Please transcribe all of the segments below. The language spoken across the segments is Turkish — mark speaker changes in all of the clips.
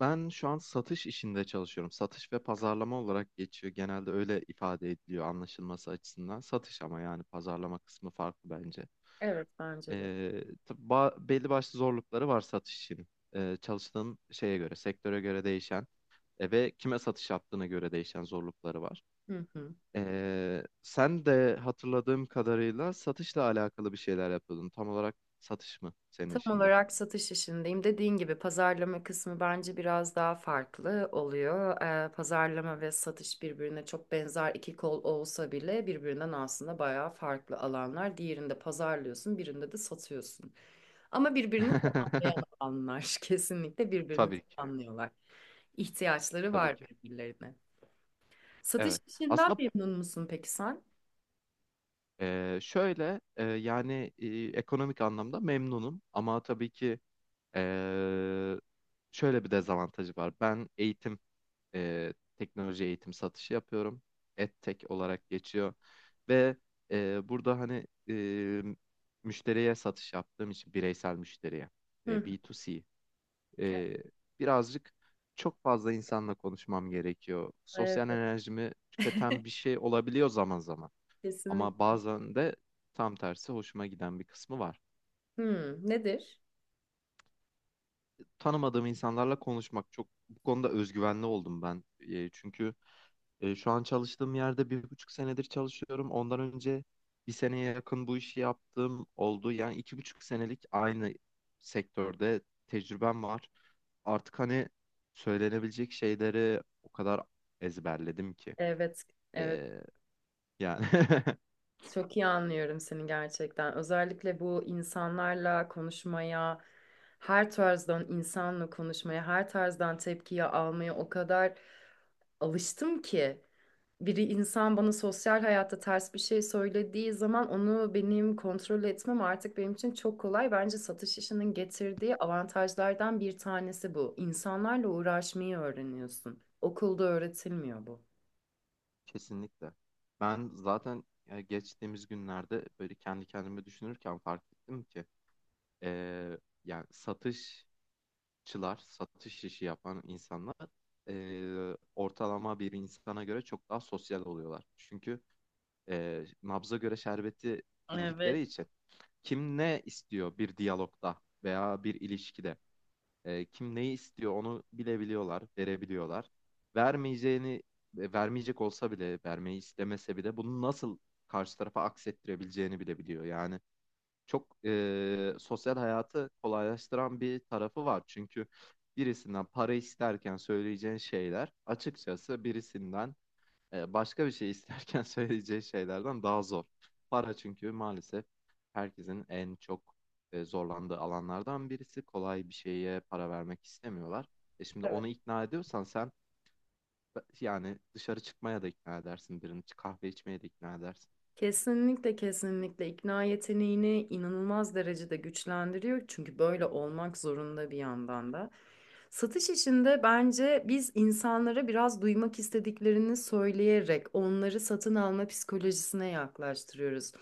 Speaker 1: Ben şu an satış işinde çalışıyorum. Satış ve pazarlama olarak geçiyor. Genelde öyle ifade ediliyor anlaşılması açısından. Satış ama yani pazarlama kısmı farklı bence.
Speaker 2: Evet bence de.
Speaker 1: Tabii belli başlı zorlukları var satış için. Çalıştığın şeye göre, sektöre göre değişen ve kime satış yaptığına göre değişen zorlukları var.
Speaker 2: Hı hı.
Speaker 1: Sen de hatırladığım kadarıyla satışla alakalı bir şeyler yapıyordun. Tam olarak satış mı senin
Speaker 2: Tam
Speaker 1: işinde?
Speaker 2: olarak satış işindeyim. Dediğin gibi pazarlama kısmı bence biraz daha farklı oluyor. Pazarlama ve satış birbirine çok benzer iki kol olsa bile birbirinden aslında bayağı farklı alanlar. Diğerinde pazarlıyorsun, birinde de satıyorsun. Ama birbirini tamamlayan alanlar kesinlikle birbirini
Speaker 1: Tabii ki,
Speaker 2: tamamlıyorlar. İhtiyaçları
Speaker 1: tabii
Speaker 2: var
Speaker 1: ki.
Speaker 2: birbirlerine. Satış
Speaker 1: Evet.
Speaker 2: işinden
Speaker 1: Aslında
Speaker 2: memnun musun peki sen?
Speaker 1: Şöyle e, yani e, ekonomik anlamda memnunum ama tabii ki e, şöyle bir dezavantajı var. Ben eğitim, e, teknoloji eğitim satışı yapıyorum. EdTech olarak geçiyor ve burada hani, müşteriye satış yaptığım için bireysel müşteriye
Speaker 2: Hı.
Speaker 1: B2C,
Speaker 2: Hı.
Speaker 1: e, birazcık çok fazla insanla konuşmam gerekiyor.
Speaker 2: Evet.
Speaker 1: Sosyal enerjimi tüketen bir şey olabiliyor zaman zaman. Ama
Speaker 2: Kesinlikle.
Speaker 1: bazen de tam tersi hoşuma giden bir kısmı var.
Speaker 2: Hı, nedir?
Speaker 1: Tanımadığım insanlarla konuşmak çok bu konuda özgüvenli oldum ben. Çünkü şu an çalıştığım yerde bir buçuk senedir çalışıyorum. Ondan önce bir seneye yakın bu işi yaptığım oldu. Yani iki buçuk senelik aynı sektörde tecrübem var. Artık hani söylenebilecek şeyleri o kadar ezberledim ki.
Speaker 2: Evet, evet.
Speaker 1: E, yani
Speaker 2: Çok iyi anlıyorum seni gerçekten. Özellikle bu insanlarla konuşmaya, her tarzdan insanla konuşmaya, her tarzdan tepkiyi almaya o kadar alıştım ki. Biri insan bana sosyal hayatta ters bir şey söylediği zaman onu benim kontrol etmem artık benim için çok kolay. Bence satış işinin getirdiği avantajlardan bir tanesi bu. İnsanlarla uğraşmayı öğreniyorsun. Okulda öğretilmiyor bu.
Speaker 1: Kesinlikle. Ben zaten geçtiğimiz günlerde böyle kendi kendime düşünürken fark ettim ki e, yani satışçılar, satış işi yapan insanlar ortalama bir insana göre çok daha sosyal oluyorlar. Çünkü nabza göre şerbeti
Speaker 2: Evet.
Speaker 1: bildikleri için kim ne istiyor bir diyalogda veya bir ilişkide kim neyi istiyor onu bilebiliyorlar, verebiliyorlar. Vermeyeceğini, vermeyecek olsa bile, vermeyi istemese bile bunu nasıl karşı tarafa aksettirebileceğini bilebiliyor. Yani çok sosyal hayatı kolaylaştıran bir tarafı var. Çünkü birisinden para isterken söyleyeceğin şeyler açıkçası birisinden başka bir şey isterken söyleyeceği şeylerden daha zor. Para çünkü maalesef herkesin en çok zorlandığı alanlardan birisi. Kolay bir şeye para vermek istemiyorlar. E şimdi onu ikna ediyorsan sen yani dışarı çıkmaya da ikna edersin birini, kahve içmeye de ikna edersin.
Speaker 2: Kesinlikle, kesinlikle ikna yeteneğini inanılmaz derecede güçlendiriyor. Çünkü böyle olmak zorunda bir yandan da. Satış işinde bence biz insanlara biraz duymak istediklerini söyleyerek onları satın alma psikolojisine yaklaştırıyoruz.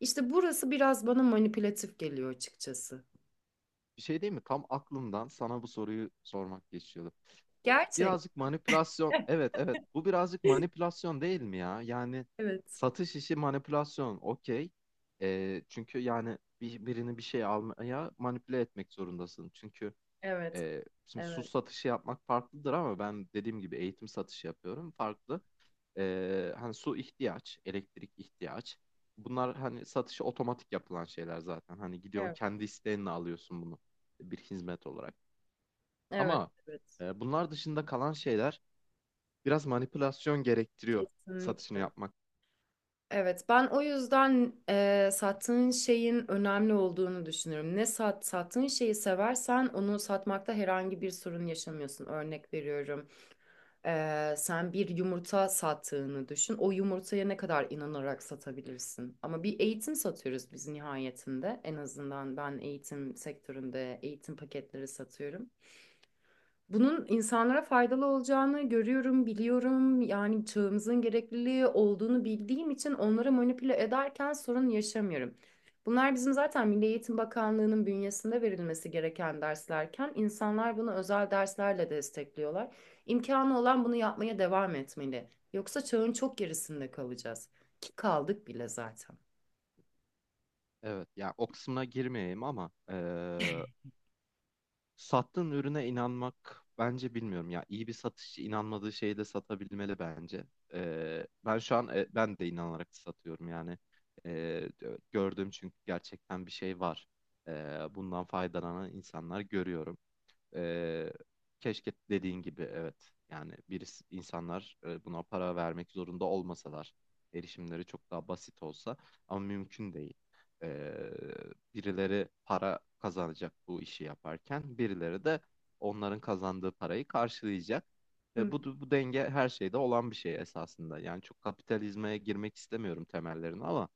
Speaker 2: İşte burası biraz bana manipülatif geliyor açıkçası.
Speaker 1: Bir şey değil mi? Tam aklımdan sana bu soruyu sormak geçiyordu. Bu
Speaker 2: Gerçek.
Speaker 1: birazcık manipülasyon. Evet, evet. Bu birazcık manipülasyon değil mi ya? Yani
Speaker 2: Evet.
Speaker 1: satış işi manipülasyon. Okey. Çünkü yani birini bir şey almaya manipüle etmek zorundasın. Çünkü
Speaker 2: Evet.
Speaker 1: şimdi su
Speaker 2: Evet.
Speaker 1: satışı yapmak farklıdır ama ben dediğim gibi eğitim satışı yapıyorum. Farklı. Hani su ihtiyaç, elektrik ihtiyaç. Bunlar hani satışı otomatik yapılan şeyler zaten. Hani gidiyorsun
Speaker 2: Evet.
Speaker 1: kendi isteğinle alıyorsun bunu bir hizmet olarak.
Speaker 2: Evet.
Speaker 1: Ama
Speaker 2: Evet.
Speaker 1: bunlar dışında kalan şeyler biraz manipülasyon gerektiriyor satışını
Speaker 2: Kesinlikle.
Speaker 1: yapmak.
Speaker 2: Evet, ben o yüzden sattığın şeyin önemli olduğunu düşünüyorum. Ne sat, sattığın şeyi seversen onu satmakta herhangi bir sorun yaşamıyorsun. Örnek veriyorum, sen bir yumurta sattığını düşün. O yumurtaya ne kadar inanarak satabilirsin? Ama bir eğitim satıyoruz biz nihayetinde. En azından ben eğitim sektöründe eğitim paketleri satıyorum. Bunun insanlara faydalı olacağını görüyorum, biliyorum. Yani çağımızın gerekliliği olduğunu bildiğim için onları manipüle ederken sorun yaşamıyorum. Bunlar bizim zaten Milli Eğitim Bakanlığı'nın bünyesinde verilmesi gereken derslerken insanlar bunu özel derslerle destekliyorlar. İmkanı olan bunu yapmaya devam etmeli. Yoksa çağın çok gerisinde kalacağız. Ki kaldık bile zaten.
Speaker 1: Evet, ya o kısmına girmeyeyim ama sattığın ürüne inanmak bence bilmiyorum ya. İyi bir satışçı inanmadığı şeyi de satabilmeli bence. Ben şu an e, ben de inanarak satıyorum yani. Ee, Gördüğüm çünkü gerçekten bir şey var. Ee, Bundan faydalanan insanlar görüyorum. Ee, Keşke dediğin gibi evet. Yani insanlar buna para vermek zorunda olmasalar, erişimleri çok daha basit olsa ama mümkün değil. Ee, Birileri para kazanacak bu işi yaparken, birileri de onların kazandığı parayı karşılayacak.
Speaker 2: Hı,
Speaker 1: Bu denge her şeyde olan bir şey esasında. Yani çok kapitalizme girmek istemiyorum temellerini ama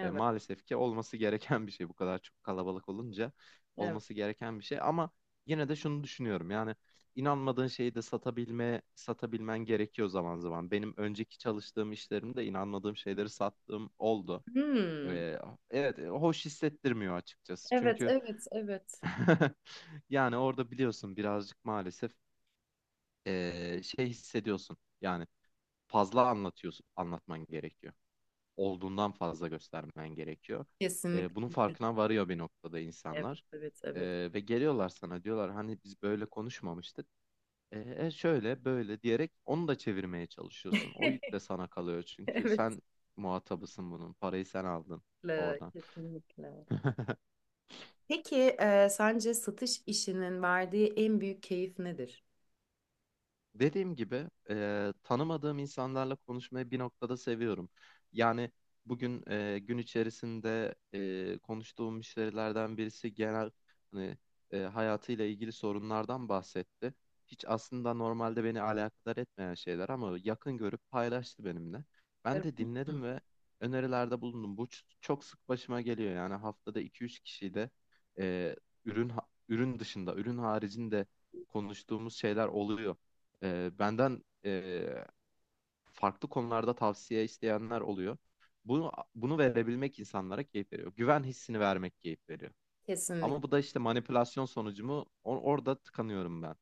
Speaker 1: maalesef ki olması gereken bir şey bu kadar çok kalabalık olunca
Speaker 2: evet.
Speaker 1: olması gereken bir şey ama yine de şunu düşünüyorum yani inanmadığın şeyi de satabilmen gerekiyor zaman zaman. Benim önceki çalıştığım işlerimde inanmadığım şeyleri sattığım oldu.
Speaker 2: Hmm,
Speaker 1: E, evet, hoş hissettirmiyor açıkçası
Speaker 2: evet,
Speaker 1: çünkü
Speaker 2: evet, evet.
Speaker 1: yani orada biliyorsun birazcık maalesef şey hissediyorsun yani fazla anlatman gerekiyor olduğundan fazla göstermen gerekiyor. Bunun
Speaker 2: Kesinlikle.
Speaker 1: farkına varıyor bir noktada
Speaker 2: Evet,
Speaker 1: insanlar.
Speaker 2: evet, evet.
Speaker 1: Ve geliyorlar sana diyorlar hani biz böyle konuşmamıştık. Şöyle böyle diyerek onu da çevirmeye çalışıyorsun. O yük de sana kalıyor çünkü
Speaker 2: Evet.
Speaker 1: sen muhatabısın bunun. Parayı sen aldın oradan.
Speaker 2: Kesinlikle, kesinlikle. Peki, sence satış işinin verdiği en büyük keyif nedir?
Speaker 1: Dediğim gibi tanımadığım insanlarla konuşmayı bir noktada seviyorum. Yani bugün gün içerisinde konuştuğum müşterilerden birisi genel hani, hayatıyla ilgili sorunlardan bahsetti. Hiç aslında normalde beni alakadar etmeyen şeyler ama yakın görüp paylaştı benimle. Ben
Speaker 2: Evet.
Speaker 1: de
Speaker 2: Hı.
Speaker 1: dinledim ve önerilerde bulundum. Bu çok sık başıma geliyor yani haftada iki üç kişiyle e, ürün ürün dışında, ürün haricinde konuştuğumuz şeyler oluyor. Benden farklı konularda tavsiye isteyenler oluyor. Bunu verebilmek insanlara keyif veriyor. Güven hissini vermek keyif veriyor.
Speaker 2: Kesinlikle.
Speaker 1: Ama bu da işte manipülasyon sonucu mu? Orada tıkanıyorum ben.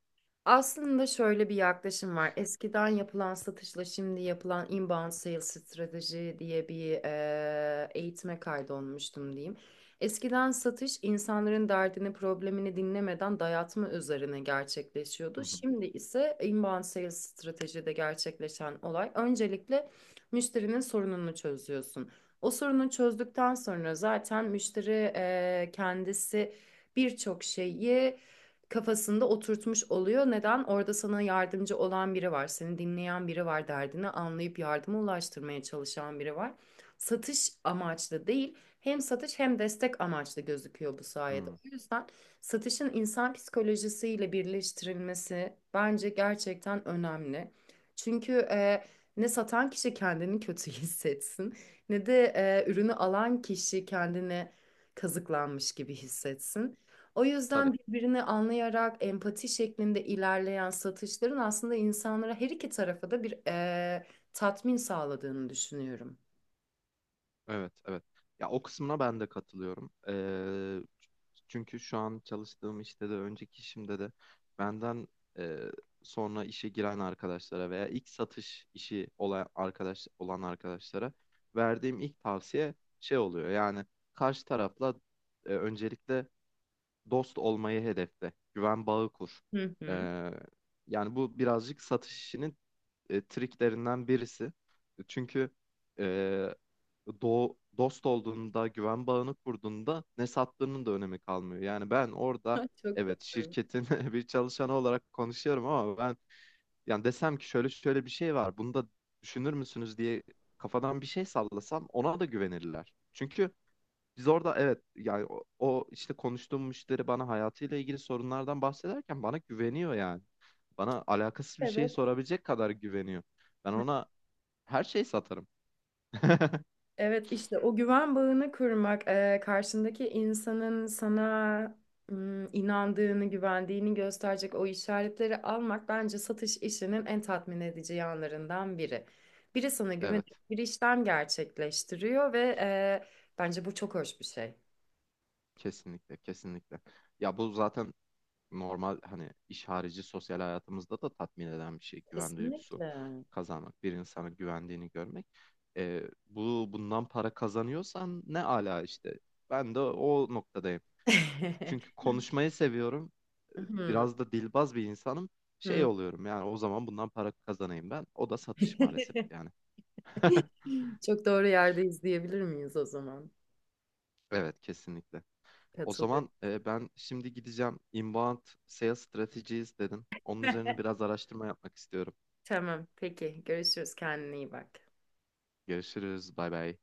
Speaker 2: Aslında şöyle bir yaklaşım var. Eskiden yapılan satışla şimdi yapılan inbound sales strateji diye bir eğitime kaydolmuştum diyeyim. Eskiden satış insanların derdini, problemini dinlemeden dayatma üzerine
Speaker 1: Hı
Speaker 2: gerçekleşiyordu.
Speaker 1: hı.
Speaker 2: Şimdi ise inbound sales stratejide gerçekleşen olay öncelikle müşterinin sorununu çözüyorsun. O sorunu çözdükten sonra zaten müşteri kendisi birçok şeyi kafasında oturtmuş oluyor. Neden? Orada sana yardımcı olan biri var, seni dinleyen biri var, derdini anlayıp yardıma ulaştırmaya çalışan biri var. Satış amaçlı değil, hem satış hem destek amaçlı gözüküyor bu sayede.
Speaker 1: Hı.
Speaker 2: O yüzden satışın insan psikolojisiyle birleştirilmesi bence gerçekten önemli. Çünkü ne satan kişi kendini kötü hissetsin, ne de ürünü alan kişi kendini kazıklanmış gibi hissetsin. O
Speaker 1: Tabii.
Speaker 2: yüzden birbirini anlayarak empati şeklinde ilerleyen satışların aslında insanlara her iki tarafa da bir tatmin sağladığını düşünüyorum.
Speaker 1: Evet, evet. Ya o kısmına ben de katılıyorum. Çünkü şu an çalıştığım işte de önceki işimde de benden e, sonra işe giren arkadaşlara veya ilk satış işi olan arkadaşlara verdiğim ilk tavsiye şey oluyor. Yani karşı tarafla öncelikle dost olmayı hedefle, güven bağı kur.
Speaker 2: Hı hı.
Speaker 1: Ee, Yani bu birazcık satış işinin triklerinden birisi. Çünkü dost olduğunda, güven bağını kurduğunda ne sattığının da önemi kalmıyor. Yani ben orada
Speaker 2: Çok
Speaker 1: evet
Speaker 2: doğru.
Speaker 1: şirketin bir çalışanı olarak konuşuyorum ama ben yani desem ki şöyle şöyle bir şey var. Bunu da düşünür müsünüz diye kafadan bir şey sallasam ona da güvenirler. Çünkü biz orada evet yani o işte konuştuğum müşteri bana hayatıyla ilgili sorunlardan bahsederken bana güveniyor yani. Bana alakasız bir şey
Speaker 2: Evet.
Speaker 1: sorabilecek kadar güveniyor. Ben ona her şeyi satarım.
Speaker 2: Evet, işte o güven bağını kurmak, karşındaki insanın sana inandığını, güvendiğini gösterecek o işaretleri almak bence satış işinin en tatmin edici yanlarından biri. Biri sana güvenip
Speaker 1: Evet.
Speaker 2: bir işlem gerçekleştiriyor ve bence bu çok hoş bir şey.
Speaker 1: Kesinlikle, kesinlikle. Ya bu zaten normal hani iş harici sosyal hayatımızda da tatmin eden bir şey. Güven duygusu
Speaker 2: Kesinlikle.
Speaker 1: kazanmak, bir insana güvendiğini görmek. Bu bundan para kazanıyorsan ne ala işte. Ben de o noktadayım. Çünkü konuşmayı seviyorum.
Speaker 2: Hmm,
Speaker 1: Biraz da dilbaz bir insanım.
Speaker 2: hmm.
Speaker 1: Şey oluyorum yani o zaman bundan para kazanayım ben. O da satış maalesef yani.
Speaker 2: Çok doğru yerdeyiz diyebilir miyiz o zaman?
Speaker 1: Evet, kesinlikle. O
Speaker 2: Katılıyorum.
Speaker 1: zaman ben şimdi gideceğim. Inbound Sales Strategies dedin. Onun üzerine biraz araştırma yapmak istiyorum.
Speaker 2: Tamam, peki. Görüşürüz. Kendine iyi bak.
Speaker 1: Görüşürüz. Bay bay.